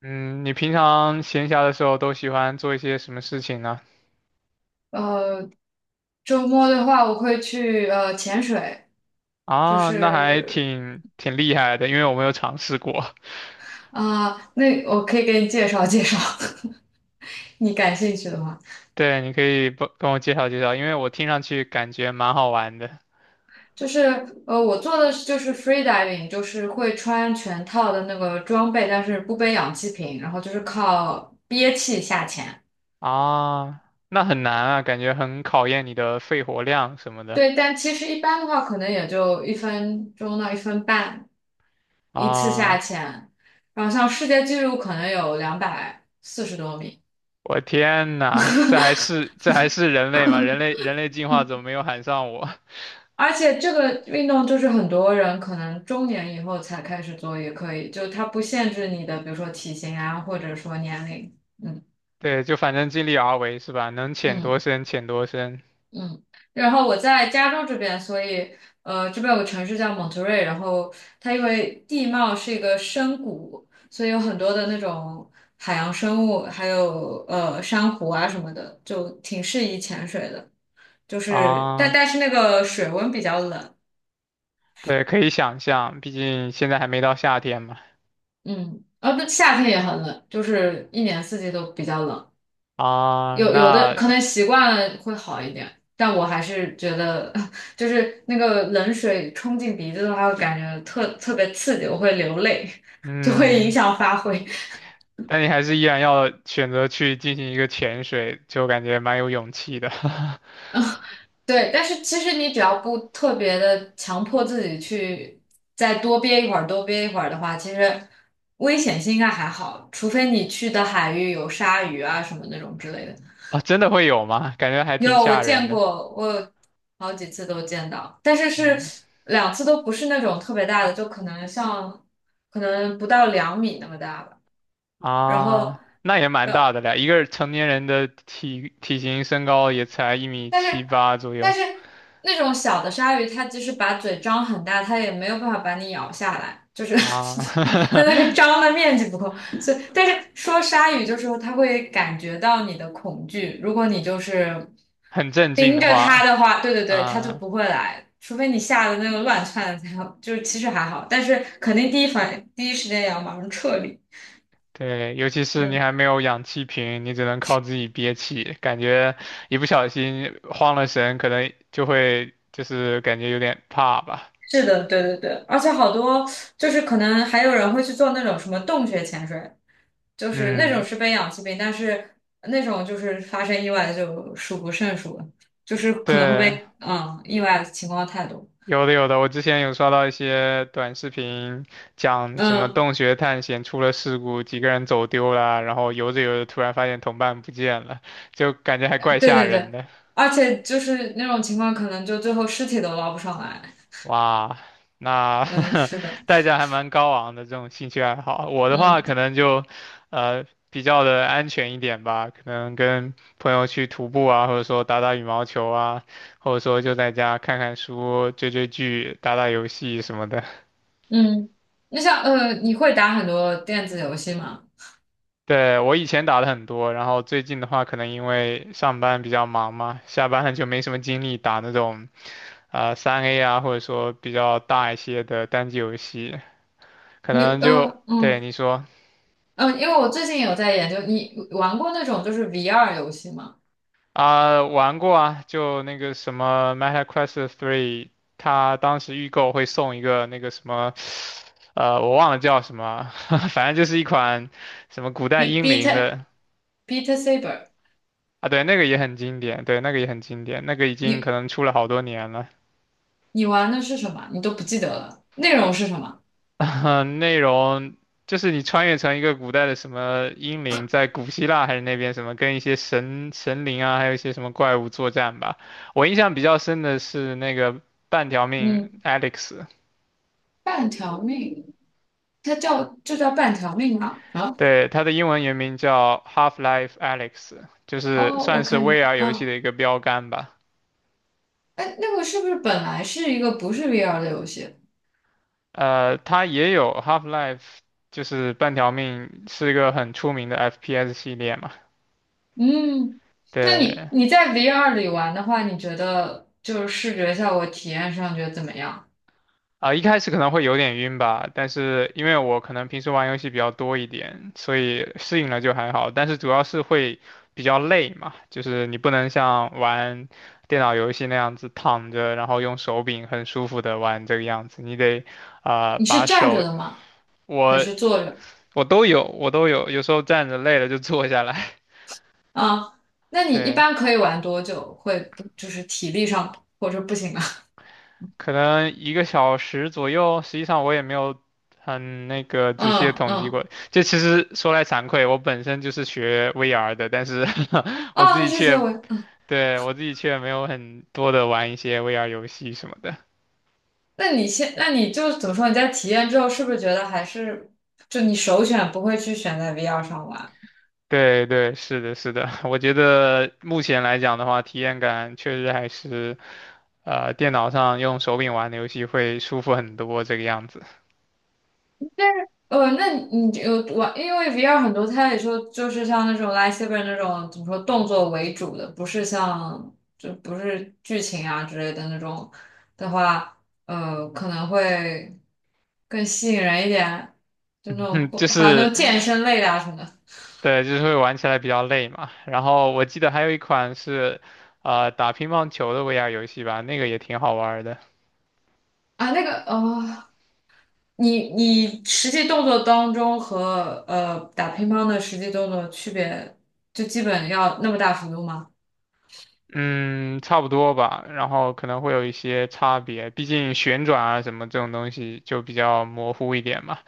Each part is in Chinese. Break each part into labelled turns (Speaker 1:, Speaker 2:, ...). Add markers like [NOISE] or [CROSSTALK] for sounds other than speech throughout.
Speaker 1: 嗯，你平常闲暇的时候都喜欢做一些什么事情呢？
Speaker 2: 呃，周末的话，我会去潜水，就
Speaker 1: 啊，那还
Speaker 2: 是
Speaker 1: 挺厉害的，因为我没有尝试过。
Speaker 2: 啊、那我可以给你介绍介绍。[LAUGHS] 你感兴趣的话，
Speaker 1: [LAUGHS] 对，你可以不跟我介绍介绍，因为我听上去感觉蛮好玩的。
Speaker 2: 就是我做的是就是 free diving，就是会穿全套的那个装备，但是不背氧气瓶，然后就是靠憋气下潜。
Speaker 1: 啊，那很难啊，感觉很考验你的肺活量什么的。
Speaker 2: 对，但其实一般的话，可能也就1分钟到1分半一次下
Speaker 1: 啊，
Speaker 2: 潜，然后像世界纪录可能有240多米。
Speaker 1: 我天呐，这还是人类吗？人类进化怎么没有喊上我？[LAUGHS]
Speaker 2: 而且这个运动就是很多人可能中年以后才开始做也可以，就它不限制你的，比如说体型啊，或者说年龄。嗯
Speaker 1: 对，就反正尽力而为是吧？能潜多
Speaker 2: 嗯
Speaker 1: 深潜多深
Speaker 2: 嗯。然后我在加州这边，所以这边有个城市叫蒙特瑞，然后它因为地貌是一个深谷，所以有很多的那种海洋生物，还有珊瑚啊什么的，就挺适宜潜水的。就是但
Speaker 1: 啊。
Speaker 2: 但是那个水温比较冷。
Speaker 1: 对，可以想象，毕竟现在还没到夏天嘛。
Speaker 2: 嗯，啊，不，夏天也很冷，就是一年四季都比较冷。
Speaker 1: 啊，
Speaker 2: 有的可能习惯了会好一点，但我还是觉得，[LAUGHS] 就是那个冷水冲进鼻子的话，会感觉特别刺激，我会流泪，[LAUGHS] 就会影
Speaker 1: 嗯，
Speaker 2: 响发挥。
Speaker 1: 但你还是依然要选择去进行一个潜水，就感觉蛮有勇气的。
Speaker 2: [LAUGHS] 对，但是其实你只要不特别的强迫自己去再多憋一会儿，多憋一会儿的话，其实危险性应该还好，除非你去的海域有鲨鱼啊什么那种之类的。
Speaker 1: [LAUGHS] 啊，真的会有吗？感觉还挺
Speaker 2: 有，我
Speaker 1: 吓人
Speaker 2: 见
Speaker 1: 的。
Speaker 2: 过，我有好几次都见到，但是是
Speaker 1: 嗯，
Speaker 2: 两次都不是那种特别大的，就可能像可能不到2米那么大吧。然后，
Speaker 1: 啊，那也蛮大
Speaker 2: 然
Speaker 1: 的了，一个成年人的体型身高也才一米
Speaker 2: 但
Speaker 1: 七
Speaker 2: 是
Speaker 1: 八左右
Speaker 2: 但是那种小的鲨鱼，它即使把嘴张很大，它也没有办法把你咬下来，就是
Speaker 1: 啊，
Speaker 2: [LAUGHS] 它那个张的面积不够。所以，但是说鲨鱼就是说它会感觉到你的恐惧，如果你就是
Speaker 1: [LAUGHS] 很镇静
Speaker 2: 盯
Speaker 1: 的
Speaker 2: 着它
Speaker 1: 话
Speaker 2: 的话，对对对，它就
Speaker 1: 啊。
Speaker 2: 不会来。除非你吓得那个乱窜的才好，就是其实还好，但是肯定第一反应第一时间也要马上撤离。
Speaker 1: 对，尤其是你
Speaker 2: 嗯，
Speaker 1: 还没有氧气瓶，你只能靠自己憋气，感觉一不小心慌了神，可能就会就是感觉有点怕吧。
Speaker 2: 是的，对对对，而且好多就是可能还有人会去做那种什么洞穴潜水，就是那种
Speaker 1: 嗯，
Speaker 2: 是被氧气病，但是那种就是发生意外就数不胜数了，就是可能会
Speaker 1: 对，
Speaker 2: 被意外的情况太多。
Speaker 1: 有的有的，我之前有刷到一些短视频，讲什么
Speaker 2: 嗯，
Speaker 1: 洞穴探险出了事故，几个人走丢了，然后游着游着突然发现同伴不见了，就感觉还怪
Speaker 2: 对
Speaker 1: 吓
Speaker 2: 对
Speaker 1: 人
Speaker 2: 对，
Speaker 1: 的。
Speaker 2: 而且就是那种情况可能就最后尸体都捞不上来。
Speaker 1: 哇，那
Speaker 2: 嗯，是的。
Speaker 1: [LAUGHS] 代价还蛮高昂的这种兴趣爱好。我的话
Speaker 2: 嗯
Speaker 1: 可能就，比较的安全一点吧，可能跟朋友去徒步啊，或者说打打羽毛球啊，或者说就在家看看书、追追剧、打打游戏什么的。
Speaker 2: 嗯，那像你会打很多电子游戏吗？
Speaker 1: 对，我以前打的很多，然后最近的话，可能因为上班比较忙嘛，下班了就没什么精力打那种三 A 啊，或者说比较大一些的单机游戏，可
Speaker 2: 你
Speaker 1: 能就，
Speaker 2: 呃
Speaker 1: 对，
Speaker 2: 嗯
Speaker 1: 你说。
Speaker 2: 嗯，因为我最近有在研究，你玩过那种就是 VR 游戏吗
Speaker 1: 啊，玩过啊，就那个什么《Meta Quest e 它当时预购会送一个那个什么，我忘了叫什么啊，[LAUGHS] 反正就是一款什么古代
Speaker 2: ？Beat
Speaker 1: 英灵
Speaker 2: Beat
Speaker 1: 的
Speaker 2: Beat Saber。
Speaker 1: 啊，对，那个也很经典，对，那个也很经典，那个已经可
Speaker 2: 你？
Speaker 1: 能出了好多年了。
Speaker 2: 你玩的是什么？你都不记得了，内容是什么？
Speaker 1: [LAUGHS] 内容就是你穿越成一个古代的什么英灵，在古希腊还是那边什么，跟一些神灵啊，还有一些什么怪物作战吧。我印象比较深的是那个半条命
Speaker 2: 嗯，
Speaker 1: Alex。
Speaker 2: 半条命，这叫半条命吗？啊，
Speaker 1: 对，它的英文原名叫 Half-Life a l e x 就是
Speaker 2: 哦，
Speaker 1: 算
Speaker 2: 我
Speaker 1: 是
Speaker 2: 看见，
Speaker 1: VR 游戏
Speaker 2: 嗯，
Speaker 1: 的一个标杆吧。
Speaker 2: 哎，那个是不是本来是一个不是 VR 的游戏？
Speaker 1: 它也有 Half-Life，就是半条命，是一个很出名的 FPS 系列嘛。
Speaker 2: 嗯，那你
Speaker 1: 对，
Speaker 2: 你在 VR 里玩的话，你觉得就是视觉效果体验上觉得怎么样？
Speaker 1: 啊、一开始可能会有点晕吧，但是因为我可能平时玩游戏比较多一点，所以适应了就还好。但是主要是会比较累嘛，就是你不能像玩电脑游戏那样子躺着，然后用手柄很舒服的玩这个样子，你得啊、
Speaker 2: 你是
Speaker 1: 把
Speaker 2: 站着
Speaker 1: 手，
Speaker 2: 的吗？还
Speaker 1: 我
Speaker 2: 是坐着？
Speaker 1: 我都有，我都有，有时候站着累了就坐下来，
Speaker 2: 啊，那
Speaker 1: [LAUGHS]
Speaker 2: 你一
Speaker 1: 对。
Speaker 2: 般可以玩多久？会不就是体力上或者不行啊？
Speaker 1: 可能一个小时左右，实际上我也没有很那个
Speaker 2: [LAUGHS]
Speaker 1: 仔细的
Speaker 2: 嗯
Speaker 1: 统计
Speaker 2: 嗯，
Speaker 1: 过。这其实说来惭愧，我本身就是学 VR 的，但是 [LAUGHS] 我自
Speaker 2: 哦，
Speaker 1: 己
Speaker 2: 你是学
Speaker 1: 却，
Speaker 2: 文。
Speaker 1: 对，我自己却没有很多的玩一些 VR 游戏什么的。
Speaker 2: 那你就怎么说？你在体验之后，是不是觉得还是就你首选不会去选在 VR 上玩？
Speaker 1: 对对，是的，是的，[LAUGHS] 我觉得目前来讲的话，体验感确实还是电脑上用手柄玩的游戏会舒服很多这个样子。
Speaker 2: 那你有玩，因为 VR 很多，它也说就是像那种 lightsaber 那种怎么说动作为主的，不是剧情啊之类的那种的话，可能会更吸引人一点，就那
Speaker 1: [LAUGHS]
Speaker 2: 种
Speaker 1: 嗯，
Speaker 2: 不
Speaker 1: 就
Speaker 2: 还有那
Speaker 1: 是
Speaker 2: 种健身类的啊什么的。
Speaker 1: 对，就是会玩起来比较累嘛。然后我记得还有一款是，打乒乓球的 VR 游戏吧，那个也挺好玩儿的。
Speaker 2: 啊，那个哦。你实际动作当中和打乒乓的实际动作区别，就基本要那么大幅度吗？
Speaker 1: 嗯，差不多吧。然后可能会有一些差别，毕竟旋转啊什么这种东西就比较模糊一点嘛。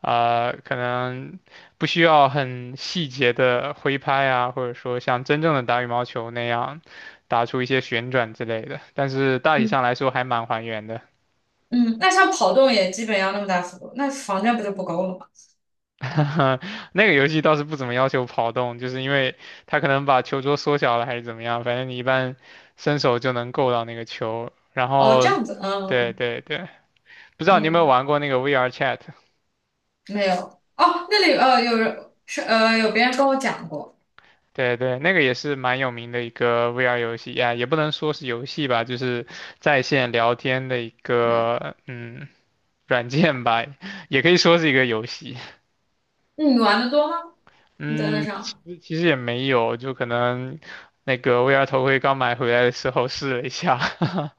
Speaker 1: 可能不需要很细节的挥拍啊，或者说像真正的打羽毛球那样打出一些旋转之类的。但是大体
Speaker 2: 嗯，
Speaker 1: 上来说还蛮还原的。
Speaker 2: 嗯，那像跑动也基本要那么大幅度，那房间不就不够了吗？
Speaker 1: [LAUGHS] 嗯，那个游戏倒是不怎么要求跑动，就是因为它可能把球桌缩小了还是怎么样，反正你一般伸手就能够到那个球。然
Speaker 2: 哦，这
Speaker 1: 后，
Speaker 2: 样子。
Speaker 1: 对
Speaker 2: 嗯
Speaker 1: 对对，不知道你有没有
Speaker 2: 嗯，
Speaker 1: 玩过那个 VR Chat？
Speaker 2: 没有。哦，那里有别人跟我讲过。
Speaker 1: 对对，那个也是蛮有名的一个 VR 游戏呀，也不能说是游戏吧，就是在线聊天的一
Speaker 2: 没有。
Speaker 1: 个软件吧，也可以说是一个游戏。
Speaker 2: 那你玩的多吗？你在那
Speaker 1: 嗯，其
Speaker 2: 上？
Speaker 1: 实其实也没有，就可能那个 VR 头盔刚买回来的时候试了一下。[LAUGHS]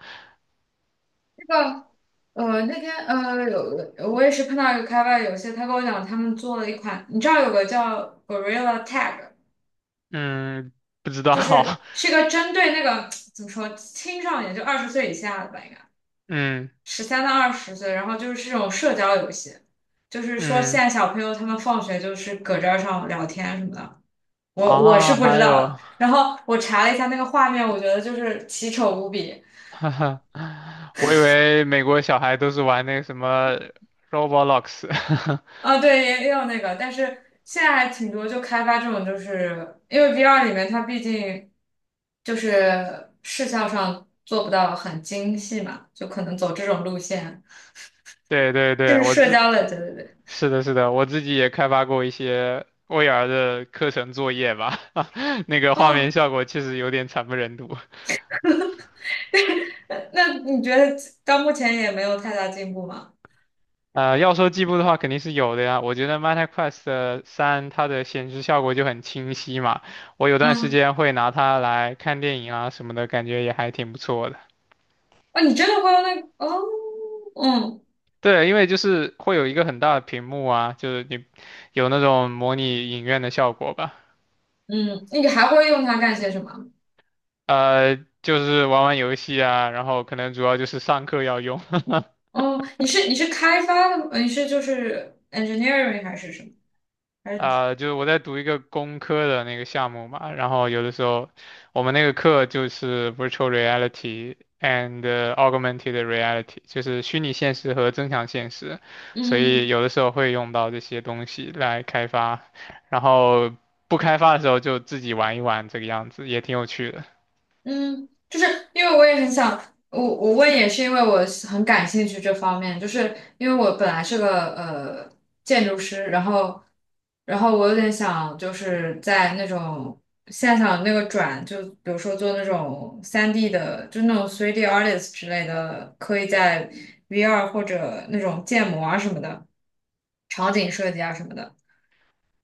Speaker 2: 那个那天我也是碰到一个开发游戏，他跟我讲他们做了一款，你知道有个叫 Gorilla Tag。
Speaker 1: 嗯，不知道，
Speaker 2: 就
Speaker 1: [LAUGHS]
Speaker 2: 是个针对那个怎么说青少年，就二十岁以下的吧，应该
Speaker 1: 嗯
Speaker 2: 13到20岁，然后就是这种社交游戏，就是说现
Speaker 1: 嗯
Speaker 2: 在小朋友他们放学就是搁这儿上聊天什么的。我是
Speaker 1: 啊，
Speaker 2: 不知
Speaker 1: 还
Speaker 2: 道
Speaker 1: 有，
Speaker 2: 的。然
Speaker 1: [LAUGHS]
Speaker 2: 后我查了一下那个画面，我觉得就是奇丑无比。
Speaker 1: 哈哈，我以为美国小孩都是玩那个什么 Roblox，[LAUGHS]
Speaker 2: 啊，对，也有那个，但是现在还挺多就开发这种，就是因为 VR 里面它毕竟就是视效上做不到很精细嘛，就可能走这种路线。
Speaker 1: 对对
Speaker 2: 就
Speaker 1: 对，
Speaker 2: 是社交类，对对对。
Speaker 1: 是的是的，我自己也开发过一些 VR 的课程作业吧，[LAUGHS] 那个画面
Speaker 2: 哦，
Speaker 1: 效果确实有点惨不忍睹。
Speaker 2: 那你觉得到目前也没有太大进步吗？
Speaker 1: 要说进步的话，肯定是有的呀。我觉得 Meta Quest 三它的显示效果就很清晰嘛，我有段时
Speaker 2: 嗯，
Speaker 1: 间会拿它来看电影啊什么的，感觉也还挺不错的。
Speaker 2: 哦，你真的会用那个哦。嗯
Speaker 1: 对，因为就是会有一个很大的屏幕啊，就是你有那种模拟影院的效果吧。
Speaker 2: 嗯，你还会用它干些什么？
Speaker 1: 呃，就是玩玩游戏啊，然后可能主要就是上课要用。
Speaker 2: 哦，你是开发的吗？你是就是 engineering 还是什么？还是
Speaker 1: 啊、就是我在读一个工科的那个项目嘛，然后有的时候我们那个课就是 virtual reality and augmented reality，就是虚拟现实和增强现实，所以
Speaker 2: 嗯
Speaker 1: 有的时候会用到这些东西来开发，然后不开发的时候就自己玩一玩这个样子，也挺有趣的。
Speaker 2: 嗯，就是因为我也很想，我问也是因为我是很感兴趣这方面，就是因为我本来是个建筑师，然后我有点想就是在那种现在想那个转，就比如说做那种3D 的，就那种 3D artist 之类的，可以在 VR 或者那种建模啊什么的，场景设计啊什么的。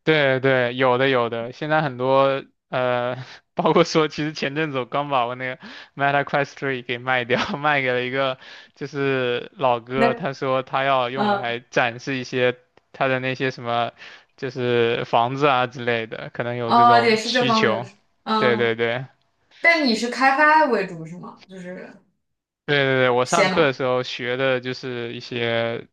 Speaker 1: 对对，有的有的，现在很多呃，[LAUGHS] 包括说，其实前阵子我刚把我那个 Meta Quest 3给卖掉，[LAUGHS] 卖给了一个就是老哥，他
Speaker 2: 那
Speaker 1: 说他要用
Speaker 2: 嗯
Speaker 1: 来展示一些他的那些什么，就是房子啊之类的，可能有这
Speaker 2: 哦，也
Speaker 1: 种
Speaker 2: 是这
Speaker 1: 需
Speaker 2: 方面的
Speaker 1: 求。
Speaker 2: 事。
Speaker 1: 对对
Speaker 2: 嗯。
Speaker 1: 对
Speaker 2: 但你是开发为主是吗？就是
Speaker 1: 对对对，我上
Speaker 2: 写
Speaker 1: 课的
Speaker 2: 码，
Speaker 1: 时候学的就是一些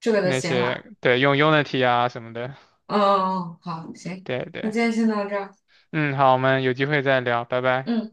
Speaker 2: 这个的
Speaker 1: 那
Speaker 2: 写码。
Speaker 1: 些，对，用 Unity 啊什么的。
Speaker 2: 嗯，哦哦好，行，
Speaker 1: 对
Speaker 2: 那
Speaker 1: 对，
Speaker 2: 今天先到这儿。
Speaker 1: 嗯，好，我们有机会再聊，拜拜。
Speaker 2: 嗯。